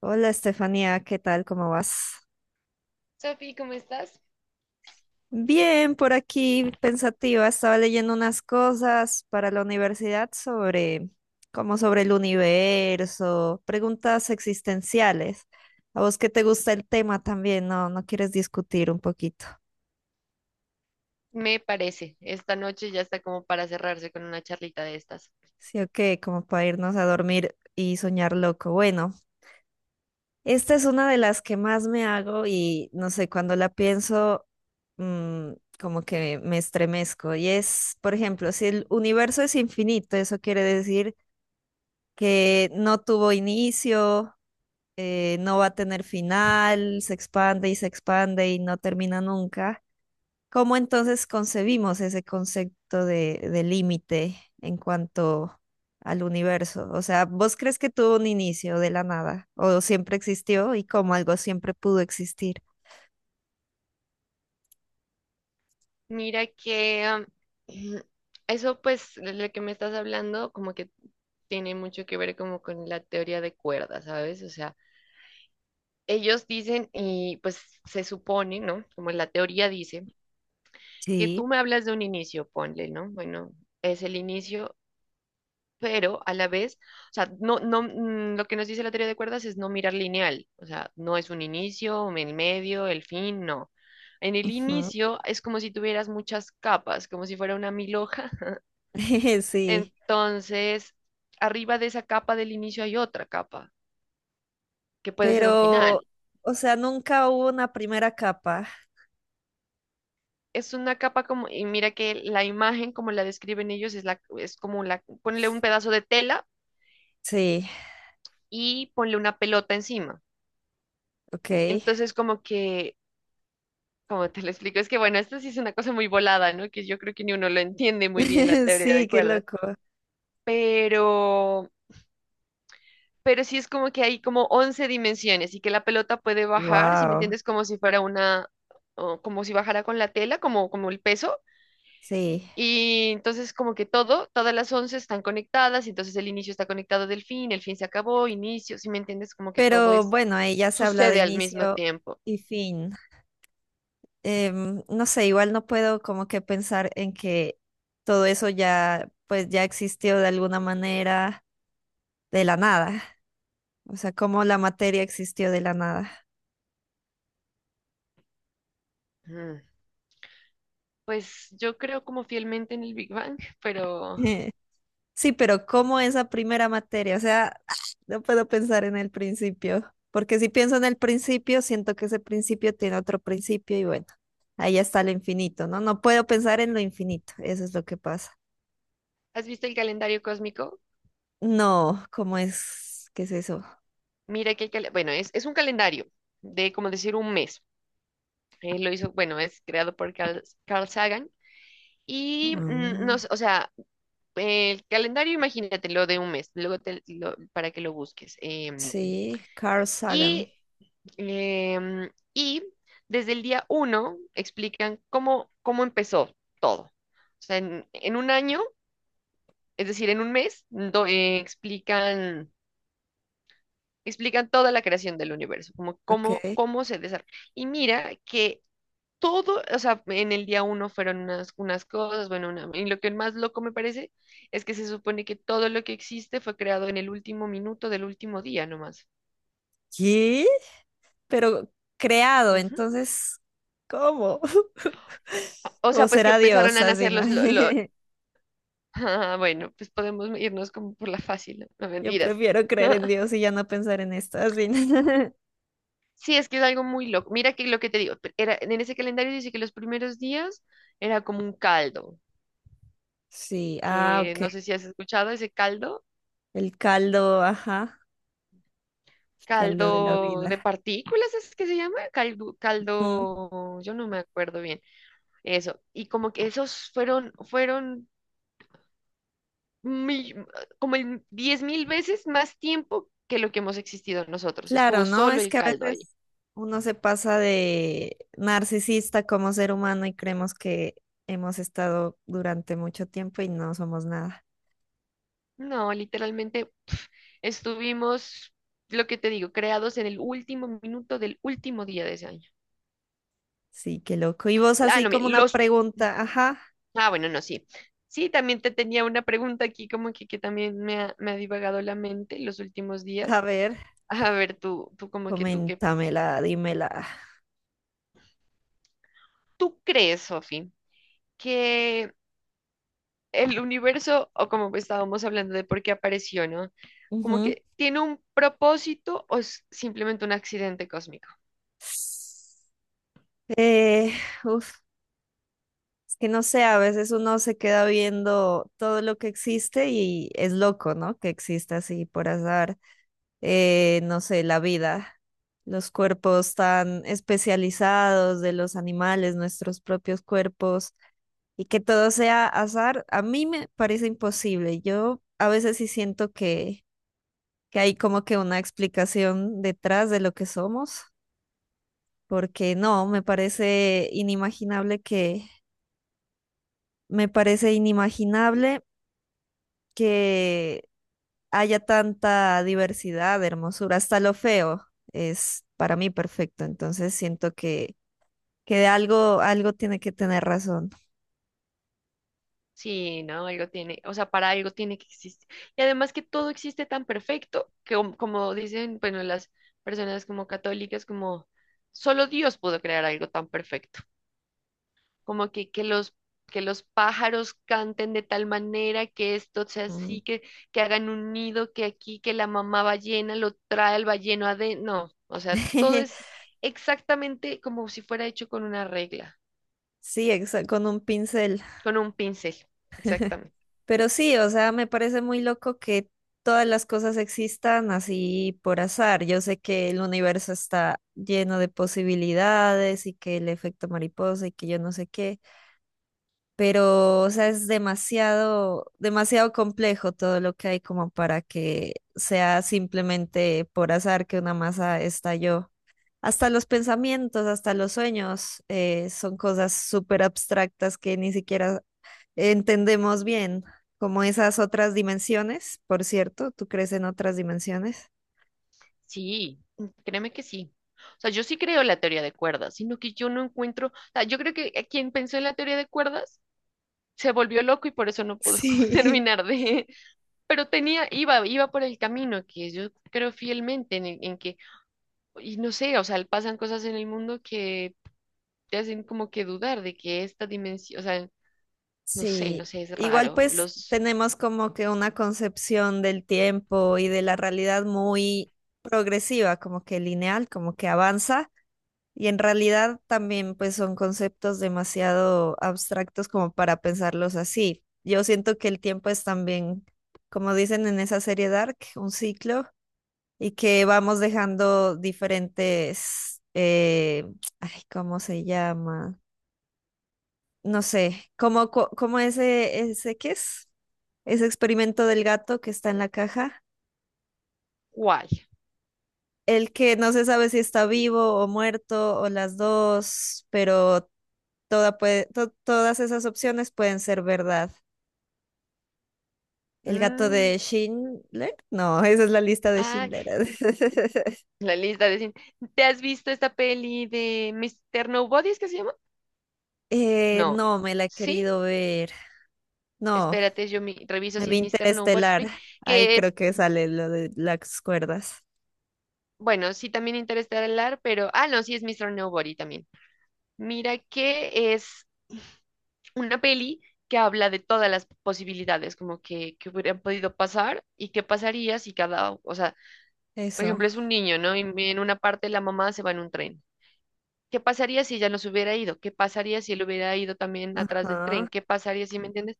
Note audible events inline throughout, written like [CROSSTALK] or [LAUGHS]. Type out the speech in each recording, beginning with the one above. Hola Estefanía, ¿qué tal? ¿Cómo vas? Sofi, ¿cómo estás? Bien, por aquí pensativa, estaba leyendo unas cosas para la universidad sobre, como sobre el universo, preguntas existenciales. A vos que te gusta el tema también, ¿no? ¿No quieres discutir un poquito? Me parece, esta noche ya está como para cerrarse con una charlita de estas. Sí, ok, como para irnos a dormir y soñar loco. Bueno, esta es una de las que más me hago y no sé, cuando la pienso, mm, como que me estremezco. Y es, por ejemplo, si el universo es infinito, eso quiere decir que no tuvo inicio, no va a tener final, se expande y no termina nunca. ¿Cómo entonces concebimos ese concepto de límite en cuanto al universo? O sea, ¿vos crees que tuvo un inicio de la nada o siempre existió y como algo siempre pudo existir? Mira que [CLEARS THROAT] eso pues de lo que me estás hablando como que tiene mucho que ver como con la teoría de cuerdas, ¿sabes? O sea, ellos dicen y pues se supone, ¿no? Como la teoría dice, que tú Sí. me hablas de un inicio, ponle, ¿no? Bueno, es el inicio pero a la vez, o sea, no, lo que nos dice la teoría de cuerdas es no mirar lineal, o sea, no es un inicio, el medio, el fin, no. En el Ujú. inicio es como si tuvieras muchas capas, como si fuera una mil hoja. [LAUGHS] [LAUGHS] Sí, Entonces, arriba de esa capa del inicio hay otra capa, que puede ser un pero, final. o sea, nunca hubo una primera capa. Es una capa como, y mira que la imagen, como la describen ellos, es, es como ponle un pedazo de tela Sí, y ponle una pelota encima. ok. Entonces, como que como te lo explico? Es que, bueno, esto sí es una cosa muy volada, ¿no? Que yo creo que ni uno lo entiende muy bien la [LAUGHS] teoría Sí, de qué cuerdas, loco. pero, pero sí es como que hay como 11 dimensiones y que la pelota puede bajar, ¿si me Wow, entiendes? Como si fuera una, o como si bajara con la tela, como, como el peso. sí. Y entonces como que todo, todas las 11 están conectadas, y entonces el inicio está conectado del fin, el fin se acabó, inicio, ¿si me entiendes? Como que todo Pero es, bueno, ahí ya se habla de sucede al mismo inicio tiempo. y fin. No sé, igual no puedo como que pensar en que todo eso ya, pues ya existió de alguna manera de la nada. O sea, cómo la materia existió de la nada. Mm. Pues yo creo como fielmente en el Big Bang, pero… [LAUGHS] Sí, pero cómo esa primera materia, o sea, [SIGHS] [SMACKS LIPS] no puedo pensar en el principio, porque si pienso en el principio, siento que ese principio tiene otro principio y bueno, ahí está lo infinito, ¿no? No puedo pensar en lo infinito, eso es lo que pasa. ¿Has visto el calendario cósmico? No, ¿cómo es? ¿Qué es eso? Mira que, bueno, es un calendario de, como decir, un mes. Él lo hizo, bueno, es creado por Carl Sagan. Y, mm, Ah. no, sé, o sea, el calendario, imagínatelo de un mes, para que lo busques. Sí, Carl Y, Sagan. Y desde el día uno explican cómo, cómo empezó todo. O sea, en un año, es decir, en un mes, explican toda la creación del universo, como cómo, Ok. cómo se desarrolla. Y mira que todo, o sea, en el día uno fueron unas, unas cosas, y lo que más loco me parece es que se supone que todo lo que existe fue creado en el último minuto del último día nomás. ¿Qué? Pero creado, Ujú. entonces, ¿cómo? [LAUGHS] O ¿O sea, pues que será empezaron Dios, a así, nacer no? los… [LAUGHS] [LAUGHS] Ah, bueno, pues podemos irnos como por la fácil, no, no, Yo mentiras. prefiero creer en Dios y [LAUGHS] ya no pensar en esto, así, no. Sí, es que es algo muy loco. Mira que lo que te digo, era, en ese calendario dice que los primeros días era como un caldo, [LAUGHS] Sí, ah, que ok. no sé si has escuchado ese caldo, El caldo, ajá, el caldo de la caldo de vida. partículas, ¿es que se llama? Caldo, Ujú. caldo, yo no me acuerdo bien, eso. Y como que esos fueron mi- como el diez mil veces más tiempo que lo que hemos existido nosotros. Claro, Estuvo ¿no? solo Es el que a caldo ahí. veces uno se pasa de narcisista como ser humano y creemos que hemos estado durante mucho tiempo y no somos nada. No, literalmente pf, estuvimos, lo que te digo, creados en el último minuto del último día de ese año. Sí, qué loco. Y vos Ah, así no, mira, como una los pregunta, ajá, ah, bueno, no, sí. Sí, también te tenía una pregunta aquí, como que también me ha divagado la mente los últimos a días. ver, A ver, tú como que coméntamela, dímela. tú crees, Sofi, que el universo, o como estábamos hablando de por qué apareció, ¿no? Como Ujú. que tiene un propósito o es simplemente un accidente cósmico. Eh, uf, es que no sé, a veces uno se queda viendo todo lo que existe y es loco, ¿no? Que exista así por azar, no sé, la vida, los cuerpos tan especializados de los animales, nuestros propios cuerpos, y que todo sea azar, a mí me parece imposible. Yo a veces sí siento que hay como que una explicación detrás de lo que somos, porque no, me parece inimaginable que, me parece inimaginable que haya tanta diversidad, hermosura, hasta lo feo es para mí perfecto, entonces siento que de algo, algo tiene que tener razón. Sí, no, algo tiene, o sea, para algo tiene que existir. Y además que todo existe tan perfecto que como, como dicen, bueno, las personas como católicas, como solo Dios pudo crear algo tan perfecto, como que, que los pájaros canten de tal manera que esto sea Mm. así, que hagan un nido, que aquí, que la mamá ballena lo trae al balleno adentro. No, o sea, todo es [LAUGHS] exactamente como si fuera hecho con una regla, Sí, exa- con un pincel. con un pincel, exactamente. Pero sí, o sea, me parece muy loco que todas las cosas existan así por azar. Yo sé que el universo está lleno de posibilidades y que el efecto mariposa y que yo no sé qué, pero, o sea, es demasiado, demasiado complejo todo lo que hay como para que sea simplemente por azar que una masa estalló. Hasta los pensamientos, hasta los sueños, son cosas súper abstractas que ni siquiera entendemos bien como esas otras dimensiones. Por cierto, ¿tú crees en otras dimensiones? [LAUGHS] Sí, mm, créeme que sí. O sea, yo sí creo en la teoría de cuerdas, sino que yo no encuentro, o sea, yo creo que quien pensó en la teoría de cuerdas se volvió loco y por eso no pudo [LAUGHS] como Sí. terminar de, pero tenía, iba por el camino que yo creo fielmente en, en que, y no sé, o sea, pasan cosas en el mundo que te hacen como que dudar de que esta dimensión, o sea, no Sí, sé, es igual raro. pues Los tenemos como que una concepción del tiempo y de la realidad muy progresiva, como que lineal, como que avanza. Y en realidad también pues son conceptos demasiado abstractos como para pensarlos así. Yo siento que el tiempo es también, como dicen en esa serie Dark, un ciclo y que vamos dejando diferentes, ay, ¿cómo se llama? No sé, como, como ese, ¿qué es? Ese experimento del gato que está en la caja. guay. El que no se sabe si está vivo o muerto o las dos, pero todas esas opciones pueden ser verdad. El gato Mm, de Schindler, no, [LAUGHS] esa es la lista de ay, Schindler. [LAUGHS] la lista de cine. ¿Te has visto esta peli de Mister Nobody? ¿Es que se llama? No, no, me la he sí, querido ver. No. espérate, reviso Me si vi es Mr. Nobody, Interestelar. Ahí que es, creo que sale lo de las cuerdas. bueno, sí también Interestelar, pero, ah, no, sí es Mr. Nobody también. Mira que es una peli que habla de todas las posibilidades, como que hubieran podido pasar y qué pasaría si cada, o sea, por Eso. ejemplo, es un niño, ¿no? Y en una parte la mamá se va en un tren. ¿Qué pasaría si ella no se hubiera ido? ¿Qué pasaría si él hubiera ido también atrás del tren? Ajá. ¿Qué pasaría si, me entiendes?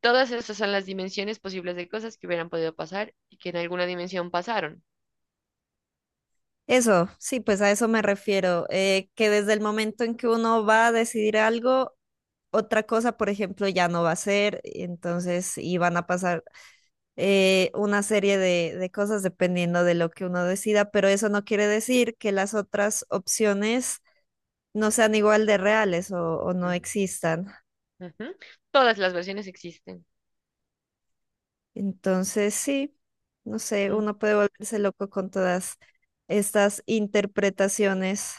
Todas esas son las dimensiones posibles de cosas que hubieran podido pasar y que en alguna dimensión pasaron. Eso, sí, pues a eso me refiero. Que desde el momento en que uno va a decidir algo, otra cosa, por ejemplo, ya no va a ser. Y entonces, y van a pasar una serie de cosas dependiendo de lo que uno decida, pero eso no quiere decir que las otras opciones no sean igual de reales o no Mm, existan. ujú. Todas las versiones existen. Entonces, sí, no sé, Mm. uno puede volverse loco con todas estas interpretaciones.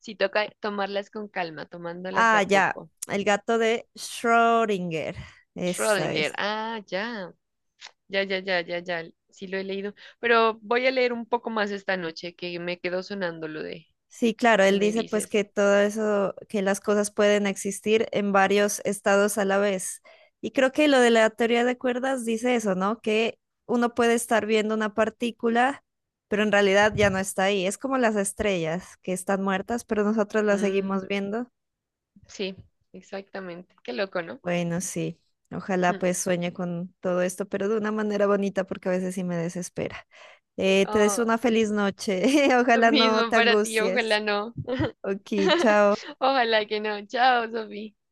Sí toca tomarlas con calma, tomándolas de a Ah, ya, poco. el gato de Schrödinger, esa Schrödinger. es. Ah, ya. Ya, ya, ya, ya, ya. Sí lo he leído. Pero voy a leer un poco más esta noche, que me quedó sonando lo de Sí, claro, que él me dice pues dices. que todo eso, que las cosas pueden existir en varios estados a la vez. Y creo que lo de la teoría de cuerdas dice eso, ¿no? Que uno puede estar viendo una partícula, pero en realidad ya no está ahí. Es como las estrellas que están muertas, pero nosotros las Mm, seguimos viendo. sí, exactamente. Qué loco, ¿no? Bueno, sí. Ojalá Mm. pues sueñe con todo esto, pero de una manera bonita porque a veces sí me desespera. Te deseo Oh, una feliz noche. [LAUGHS] lo Ojalá no mismo te para ti, angusties. ojalá no. Ok, [LAUGHS] chao. Ojalá que no. Chao, Sofía.